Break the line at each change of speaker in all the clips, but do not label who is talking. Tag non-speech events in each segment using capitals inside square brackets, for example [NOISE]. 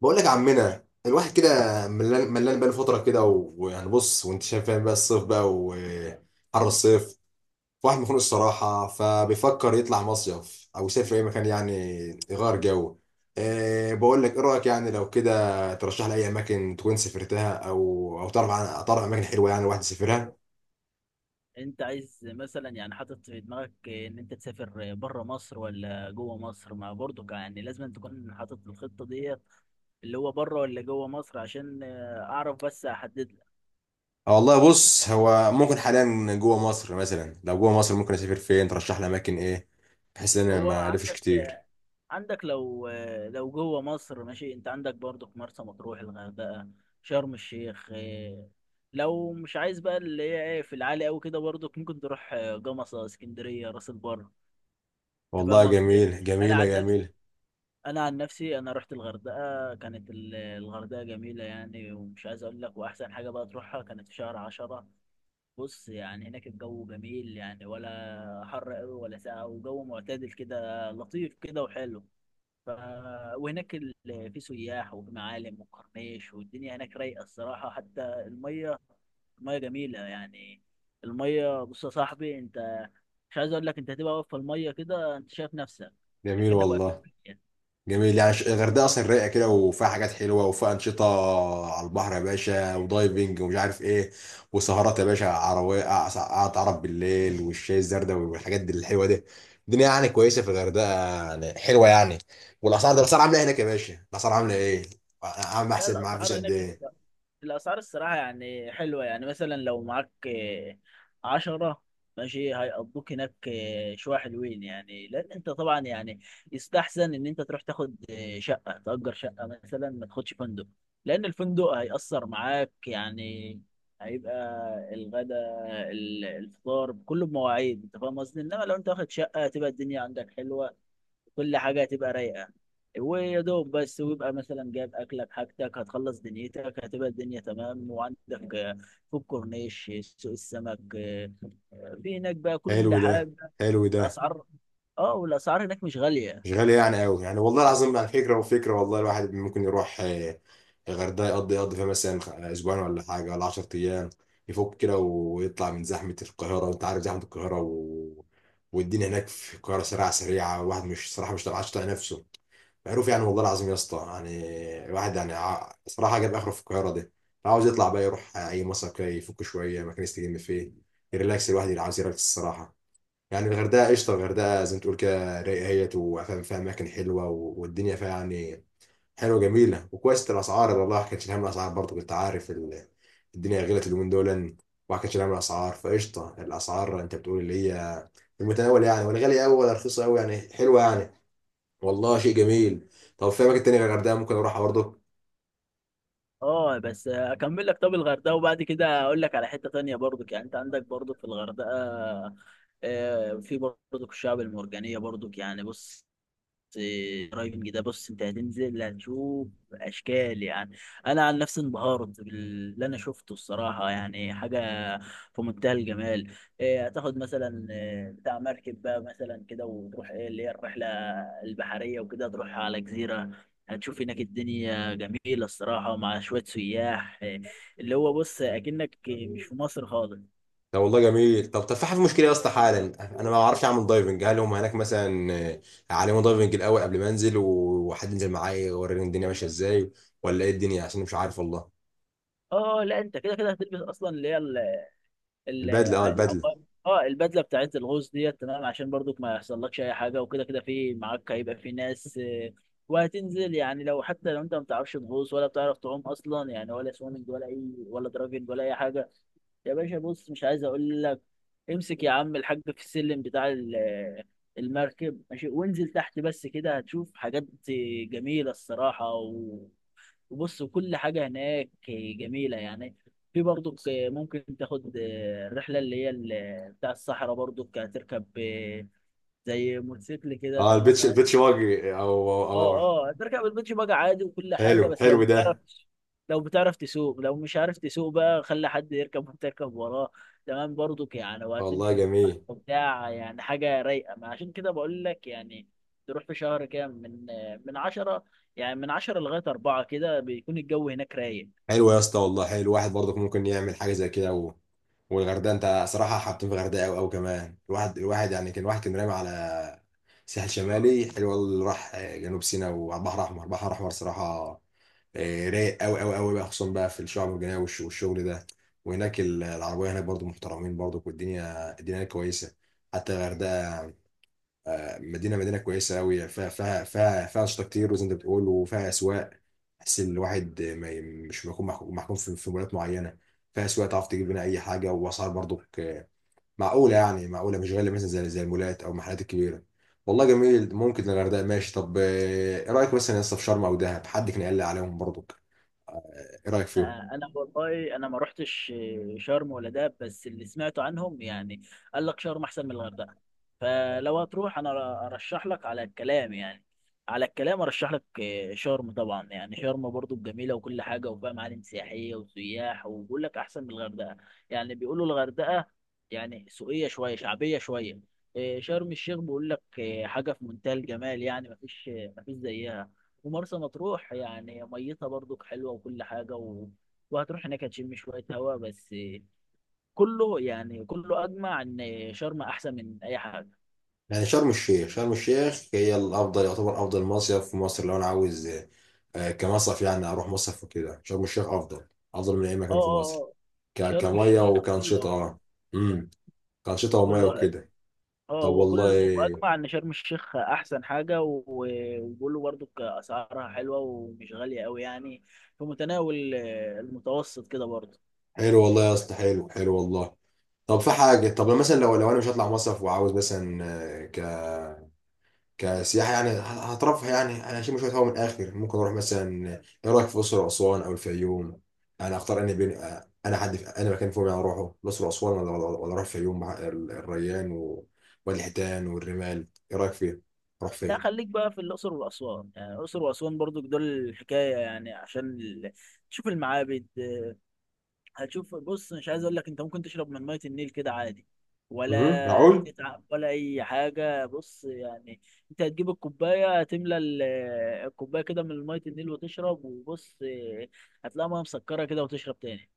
بقول لك يا عمنا، الواحد كده ملان ملان بقاله فتره كده، ويعني بص وانت شايف فاهم بقى، الصيف بقى وحر الصيف. واحد مخنوق الصراحه، فبيفكر يطلع مصيف او يسافر اي مكان، يعني يغير جو. بقول لك ايه رايك؟ يعني لو كده ترشح لي اي اماكن تكون سافرتها، او تعرف، عن تعرف اماكن حلوه يعني الواحد يسافرها.
انت عايز مثلا، يعني حاطط في دماغك ان انت تسافر بره مصر ولا جوه مصر، ما برضو يعني لازم تكون حاطط الخطة ديت اللي هو بره ولا جوه مصر عشان اعرف، بس احدد لك.
آه والله، بص هو ممكن حاليا جوه مصر، مثلا لو جوه مصر ممكن اسافر فين؟ ترشح لي اماكن ايه؟ بحيث ان انا
هو
ما الفش
عندك
كتير.
عندك لو لو جوه مصر، ماشي، انت عندك برضو في مرسى مطروح، الغردقة، شرم الشيخ. لو مش عايز بقى اللي هي ايه في العالي قوي كده، برضو ممكن تروح جمصة، اسكندرية، راس البر. انت
والله
فاهم قصدي يعني.
جميل،
انا
جميله
عن نفسي
جميله.
انا عن نفسي انا رحت الغردقه، كانت الغردقه جميله يعني، ومش عايز اقول لك، واحسن حاجه بقى تروحها كانت في شهر 10. بص يعني هناك الجو جميل يعني، ولا حر قوي ولا ساقع، وجو معتدل كده، لطيف كده وحلو. ف... وهناك ال... في سياح وفي معالم وكورنيش، والدنيا هناك رايقه الصراحه، حتى الميه. الميه جميله يعني. الميه، بص يا صاحبي انت، مش عايز اقول لك، انت هتبقى واقف في الميه كده، انت شايف نفسك
جميل
اكنك واقف في
والله
الميه.
جميل، يعني الغردقه اصلا رايقه كده، وفيها حاجات حلوه وفيها انشطه على البحر يا باشا، ودايفنج ومش عارف ايه. وسهرات يا باشا عربيه، قعدة عرب بالليل والشاي الزردة، والحاجات دي الحلوه دي. الدنيا يعني كويسه في الغردقه، يعني حلوه يعني. والاسعار، ده الاسعار عامله إيه هناك يا باشا؟ الاسعار عامله ايه؟ عم
لا،
احسب معاه، فيش
الاسعار
قد
هناك،
ايه؟
الاسعار الصراحه يعني حلوه، يعني مثلا لو معاك 10، ماشي هيقضوك هناك شويه حلوين، يعني لان انت طبعا يعني يستحسن ان انت تروح تاخد شقه، تأجر شقه مثلا، ما تاخدش فندق. لان الفندق هيأثر معاك، يعني هيبقى الغداء، الفطار كله بمواعيد، انت فاهم قصدي، انما لو انت واخد شقه هتبقى الدنيا عندك حلوه، كل حاجة هتبقى رايقة. ويا دوب بس، ويبقى مثلا جايب أكلك حاجتك، هتخلص دنيتك هتبقى الدنيا تمام، وعندك في الكورنيش سوق السمك، في هناك بقى
حلو
كل
ده،
حاجة.
حلو ده.
الأسعار، اه، والأسعار هناك مش غالية.
مش غالية يعني قوي، يعني والله العظيم، يعني فكرة وفكرة والله، الواحد ممكن يروح الغردقة، يقضي فيها مثلا أسبوعين ولا حاجة ولا 10 أيام، يفك كده ويطلع من زحمة القاهرة، وأنت عارف زحمة القاهرة. و... والدنيا هناك في القاهرة سريعة سريعة، الواحد مش، صراحة، مش عارف يطلع نفسه، معروف يعني والله العظيم يا اسطى يعني. الواحد يعني صراحة جاب آخره في القاهرة دي، عاوز يطلع بقى يروح أي مصيف كده، يفك شوية، مكان يستجم فيه، يريلاكس، الواحد اللي عاوز يريلاكس الصراحة. يعني الغردقة قشطة، الغردقة زي ما تقول كده رايقة هي، وفاهم فيها أماكن حلوة والدنيا فيها يعني حلوة جميلة وكويس، الأسعار والله ما كانش هم، الأسعار برضه كنت عارف الدنيا غلت اليومين دول، وما كانش هم الأسعار، فقشطة الأسعار، أنت بتقول اللي هي في المتناول، يعني ولا غالية أوي ولا رخيصة أوي، يعني حلوة يعني. والله شيء جميل. طب في أماكن تانية غير الغردقة ممكن أروحها برضه؟
اه بس، أكمل لك. طب الغردقة وبعد كده أقول لك على حتة تانية، برضك يعني أنت عندك برضك في الغردقة، في برضك الشعب المرجانية برضك، يعني بص، درايفنج ده، بص انت هتنزل هتشوف اشكال يعني. انا عن نفسي انبهرت باللي انا شفته الصراحه، يعني حاجه في منتهى الجمال. إيه، هتاخد مثلا بتاع مركب بقى مثلا كده، وتروح ايه اللي هي الرحله البحريه وكده، تروح على جزيره. هتشوف هناك الدنيا جميله الصراحه، مع شويه سياح اللي هو بص اكنك مش في مصر خالص.
ده والله جميل، طب في حاجه مشكله يا اسطى حالا، انا ما بعرفش اعمل دايفنج، هل هم هناك مثلا هيعلموا دايفنج الاول قبل ما انزل، وحد ينزل معايا يوريني الدنيا ماشيه ازاي، ولا ايه الدنيا؟ عشان أنا مش عارف والله.
اه لا، انت كده كده هتلبس اصلا اللي هي
البدله، اه البدله.
العقار. اه، البدله بتاعت الغوص ديت، تمام عشان برضك ما يحصلكش اي حاجه، وكده كده في معاك هيبقى في ناس، وهتنزل يعني، لو حتى لو انت ما بتعرفش تغوص ولا بتعرف تعوم اصلا يعني، ولا سويمنج ولا اي، ولا دراجنج ولا اي حاجه. يا باشا، بص مش عايز اقول لك، امسك يا عم الحاج في السلم بتاع المركب ماشي، وانزل تحت، بس كده هتشوف حاجات جميله الصراحه. بص كل حاجة هناك جميلة يعني. في برضك ممكن تاخد الرحلة اللي هي بتاع الصحراء، برضك هتركب زي موتوسيكل كده،
اه
تمام
البيتش،
اه.
البيتش واجي،
اه هتركب البيتش باجي عادي وكل
حلو
حاجة، بس لو
حلو ده.
بتعرف، لو بتعرف تسوق. لو مش عارف تسوق بقى، خلي حد يركب وانت تركب وراه، تمام برضك يعني،
والله
وهتمشي في الصحراء
جميل،
وبتاع، يعني حاجة رايقة، ما عشان كده بقول لك يعني. تروح في شهر كده من 10، يعني من 10 لغاية 4 كده بيكون الجو هناك رايق.
حلو يا اسطى والله، حلو الواحد برضك ممكن يعمل حاجه زي كده. و... والغردقه، انت صراحه حاطين في الغردقه قوي قوي كمان، الواحد يعني، كان الواحد كان رامي على ساحل شمالي، حلو والله اللي راح جنوب سيناء وعلى البحر الاحمر، البحر الاحمر صراحه رايق قوي قوي قوي بقى، خصوصا بقى في الشعب المرجانيه والشغل ده. وهناك العربيه هناك برضو محترمين برضو، والدنيا هناك كويسه، حتى الغردقه مدينه كويسه قوي، فيها انشطه كتير وزي ما انت بتقول، وفيها اسواق، بحيث ان الواحد ما ي- مش بيكون محكوم في مولات معينه، فيها اسواق تعرف تجيب منها اي حاجه، واسعار برضو معقوله، يعني معقوله مش غاليه، مثلا زي المولات او المحلات الكبيره. والله جميل، ممكن الغردقه ماشي، طب ايه رايك مثلا يا اسطى في شرم او دهب؟ حد كان قال لي عليهم برضو، ايه رايك فيهم؟
انا والله انا ما رحتش شرم ولا دهب، بس اللي سمعته عنهم يعني قال لك شرم احسن من الغردقه. فلو هتروح، انا ارشح لك على الكلام، يعني على الكلام ارشح لك شرم طبعا، يعني شرم برضو جميله وكل حاجه، وفيها معالم سياحيه وسياح، وبيقول لك احسن من الغردقه. يعني بيقولوا الغردقه يعني سوقيه شويه، شعبيه شويه. شرم الشيخ بيقول لك حاجه في منتهى الجمال يعني، ما فيش زيها. ومرسى مطروح يعني ميتها برضك حلوة وكل حاجة، وهتروح هناك هتشم شوية هوا بس. كله يعني، كله أجمع إن شرم أحسن من أي حاجة.
يعني شرم الشيخ هي الافضل، يعتبر افضل مصيف في مصر لو انا عاوز كمصيف، يعني اروح مصيف وكده شرم الشيخ افضل من اي
اه،
مكان في
اه،
مصر.
اه، شرم
كميه
الشيخ
وكانشطه،
كله،
اه. امم كانشطه وميه
كله،
وكده.
اه
طب
هو كله.
والله.
أجمع إن شرم الشيخ أحسن حاجة، وبيقولوا برضك أسعارها حلوة ومش غالية أوي، يعني في متناول المتوسط كده برضه.
حلو والله يا اسطى، حلو حلو والله. طب في حاجه، طب مثلا لو انا مش هطلع مصيف، وعاوز مثلا كسياحة يعني هترفه، يعني أنا هشم شوية هوا من الآخر، ممكن أروح مثلا، إيه رأيك في الأقصر وأسوان أو الفيوم؟ أنا أختار أني بين، أنا حد في، أنا مكان فيهم يعني أروحه، الأقصر وأسوان ولا أروح الفيوم مع الريان ووادي الحيتان والرمال، إيه رأيك فيه؟ أروح
لا،
فين؟
خليك بقى في الأقصر وأسوان، يعني الأقصر وأسوان برضك دول الحكاية، يعني عشان تشوف المعابد. هتشوف، بص مش عايز اقول لك، انت ممكن تشرب من ميه النيل كده عادي، ولا
مهم، معقول؟
هتتعب ولا اي حاجه، بص يعني انت هتجيب الكوبايه، هتملى الكوبايه كده من ميه النيل وتشرب، وبص هتلاقي ميه مسكره كده وتشرب تاني.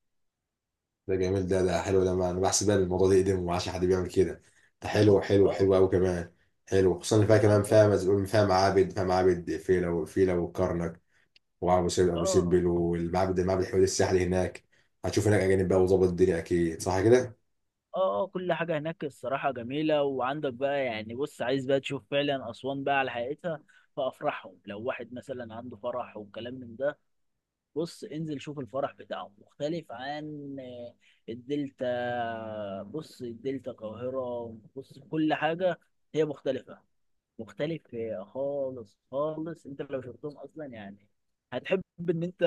ده جميل ده ده حلو ده، ما أنا بحسب بقى الموضوع ده يقدم، وما عادش حد بيعمل كده، ده حلو حلو
اه
حلو أوي كمان. حلو، خصوصا اللي فيها كمان،
وعندهم.
فيها معابد فيلة وفيلة وكرنك، وابو سمبل ابو
اه،
سمبل والمعبد الحيواني السحلي هناك. هتشوف هناك اجانب بقى، وظبط الدنيا اكيد، صح كده؟
اه، كل حاجه هناك الصراحه جميله، وعندك بقى يعني، بص عايز بقى تشوف فعلا اسوان بقى على حقيقتها، فافرحهم. لو واحد مثلا عنده فرح وكلام من ده، بص انزل شوف الفرح بتاعهم مختلف عن الدلتا. بص الدلتا، القاهرة، بص كل حاجة هي مختلف خالص خالص. انت لو شفتهم اصلا يعني هتحب ان انت،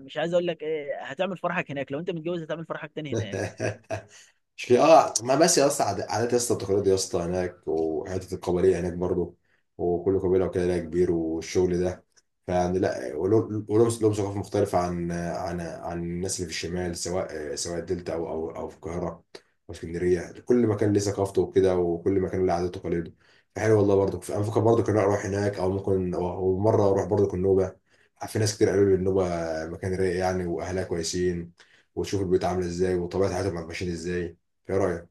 مش عايز اقول لك ايه، هتعمل فرحك هناك. لو انت متجوز هتعمل فرحك تاني هناك.
[LAUGHS] مش ليه؟ اه، ما بس يا اسطى، عادات يا اسطى، التقاليد يا اسطى هناك، وحته القبليه هناك برضو، وكل قبيله وكده لها كبير والشغل ده. فيعني لا، لهم ثقافه مختلفه عن الناس اللي في الشمال، سواء الدلتا او في القاهره او اسكندريه، كل مكان ليه ثقافته وكده، وكل مكان له عاداته وتقاليده. فحلو والله، برضو انا بفكر برضو كنا اروح هناك، او ممكن مره اروح برضو النوبه، في ناس كتير قالوا لي النوبه مكان رايق يعني، واهلها كويسين، وتشوف البيوت عامله ازاي، وطبيعه حياتهم ماشيين ازاي، ايه رايك؟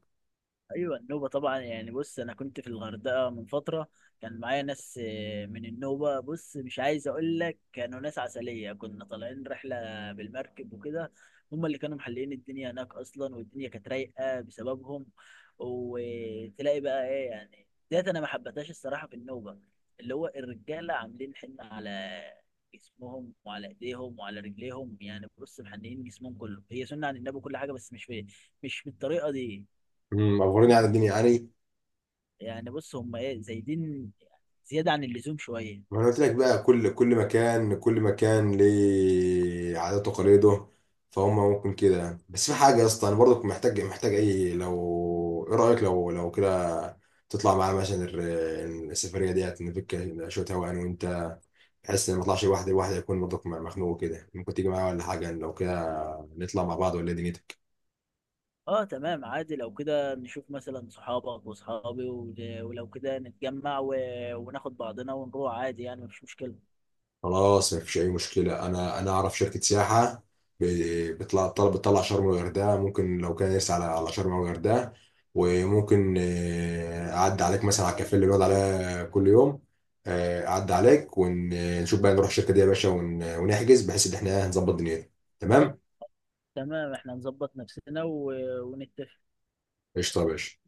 ايوه، النوبه طبعا، يعني بص انا كنت في الغردقه من فتره، كان معايا ناس من النوبه، بص مش عايز اقول لك، كانوا ناس عسليه، كنا طالعين رحله بالمركب وكده. هم اللي كانوا محللين الدنيا هناك اصلا، والدنيا كانت رايقه بسببهم. وتلاقي بقى ايه يعني، ديت انا ما حبيتهاش الصراحه في النوبه، اللي هو الرجاله عاملين حنه على جسمهم وعلى ايديهم وعلى رجليهم، يعني بص محنيين جسمهم كله. هي سنه عن النبي كل حاجه، بس مش بالطريقه دي.
اخبرني عن الدنيا يعني.
يعني بص هم ايه، زايدين زيادة عن اللزوم شوية.
ما انا قلت لك بقى كل مكان، كل مكان ليه عاداته وتقاليده، فهم ممكن كده يعني. بس في حاجه يا اسطى، انا برضك محتاج اي، لو ايه رايك لو كده تطلع معانا مثلا السفريه ديت، نفك شويه هوا انا وانت، بحيث ان ما اطلعش لوحدي، لوحدي يكون برضك مخنوق كده، ممكن تيجي معايا ولا حاجه؟ يعني لو كده نطلع مع بعض، ولا إيه دنيتك؟
اه تمام عادي، لو كده نشوف مثلا صحابك وصحابي، ولو كده نتجمع وناخد بعضنا ونروح عادي، يعني مفيش مشكلة.
خلاص، مفيش اي مشكله، انا اعرف شركه سياحه، بتطلع طلب، بتطلع شرم والغردقه، ممكن لو كان نفسي على شرم والغردقه، وممكن اعدي عليك مثلا على الكافيه اللي بنقعد عليها كل يوم، اعدي عليك ونشوف بقى نروح الشركه دي يا باشا، ونحجز بحيث ان احنا نظبط دنيتنا تمام.
تمام احنا نظبط نفسنا ونتفق
قشطه يا باشا.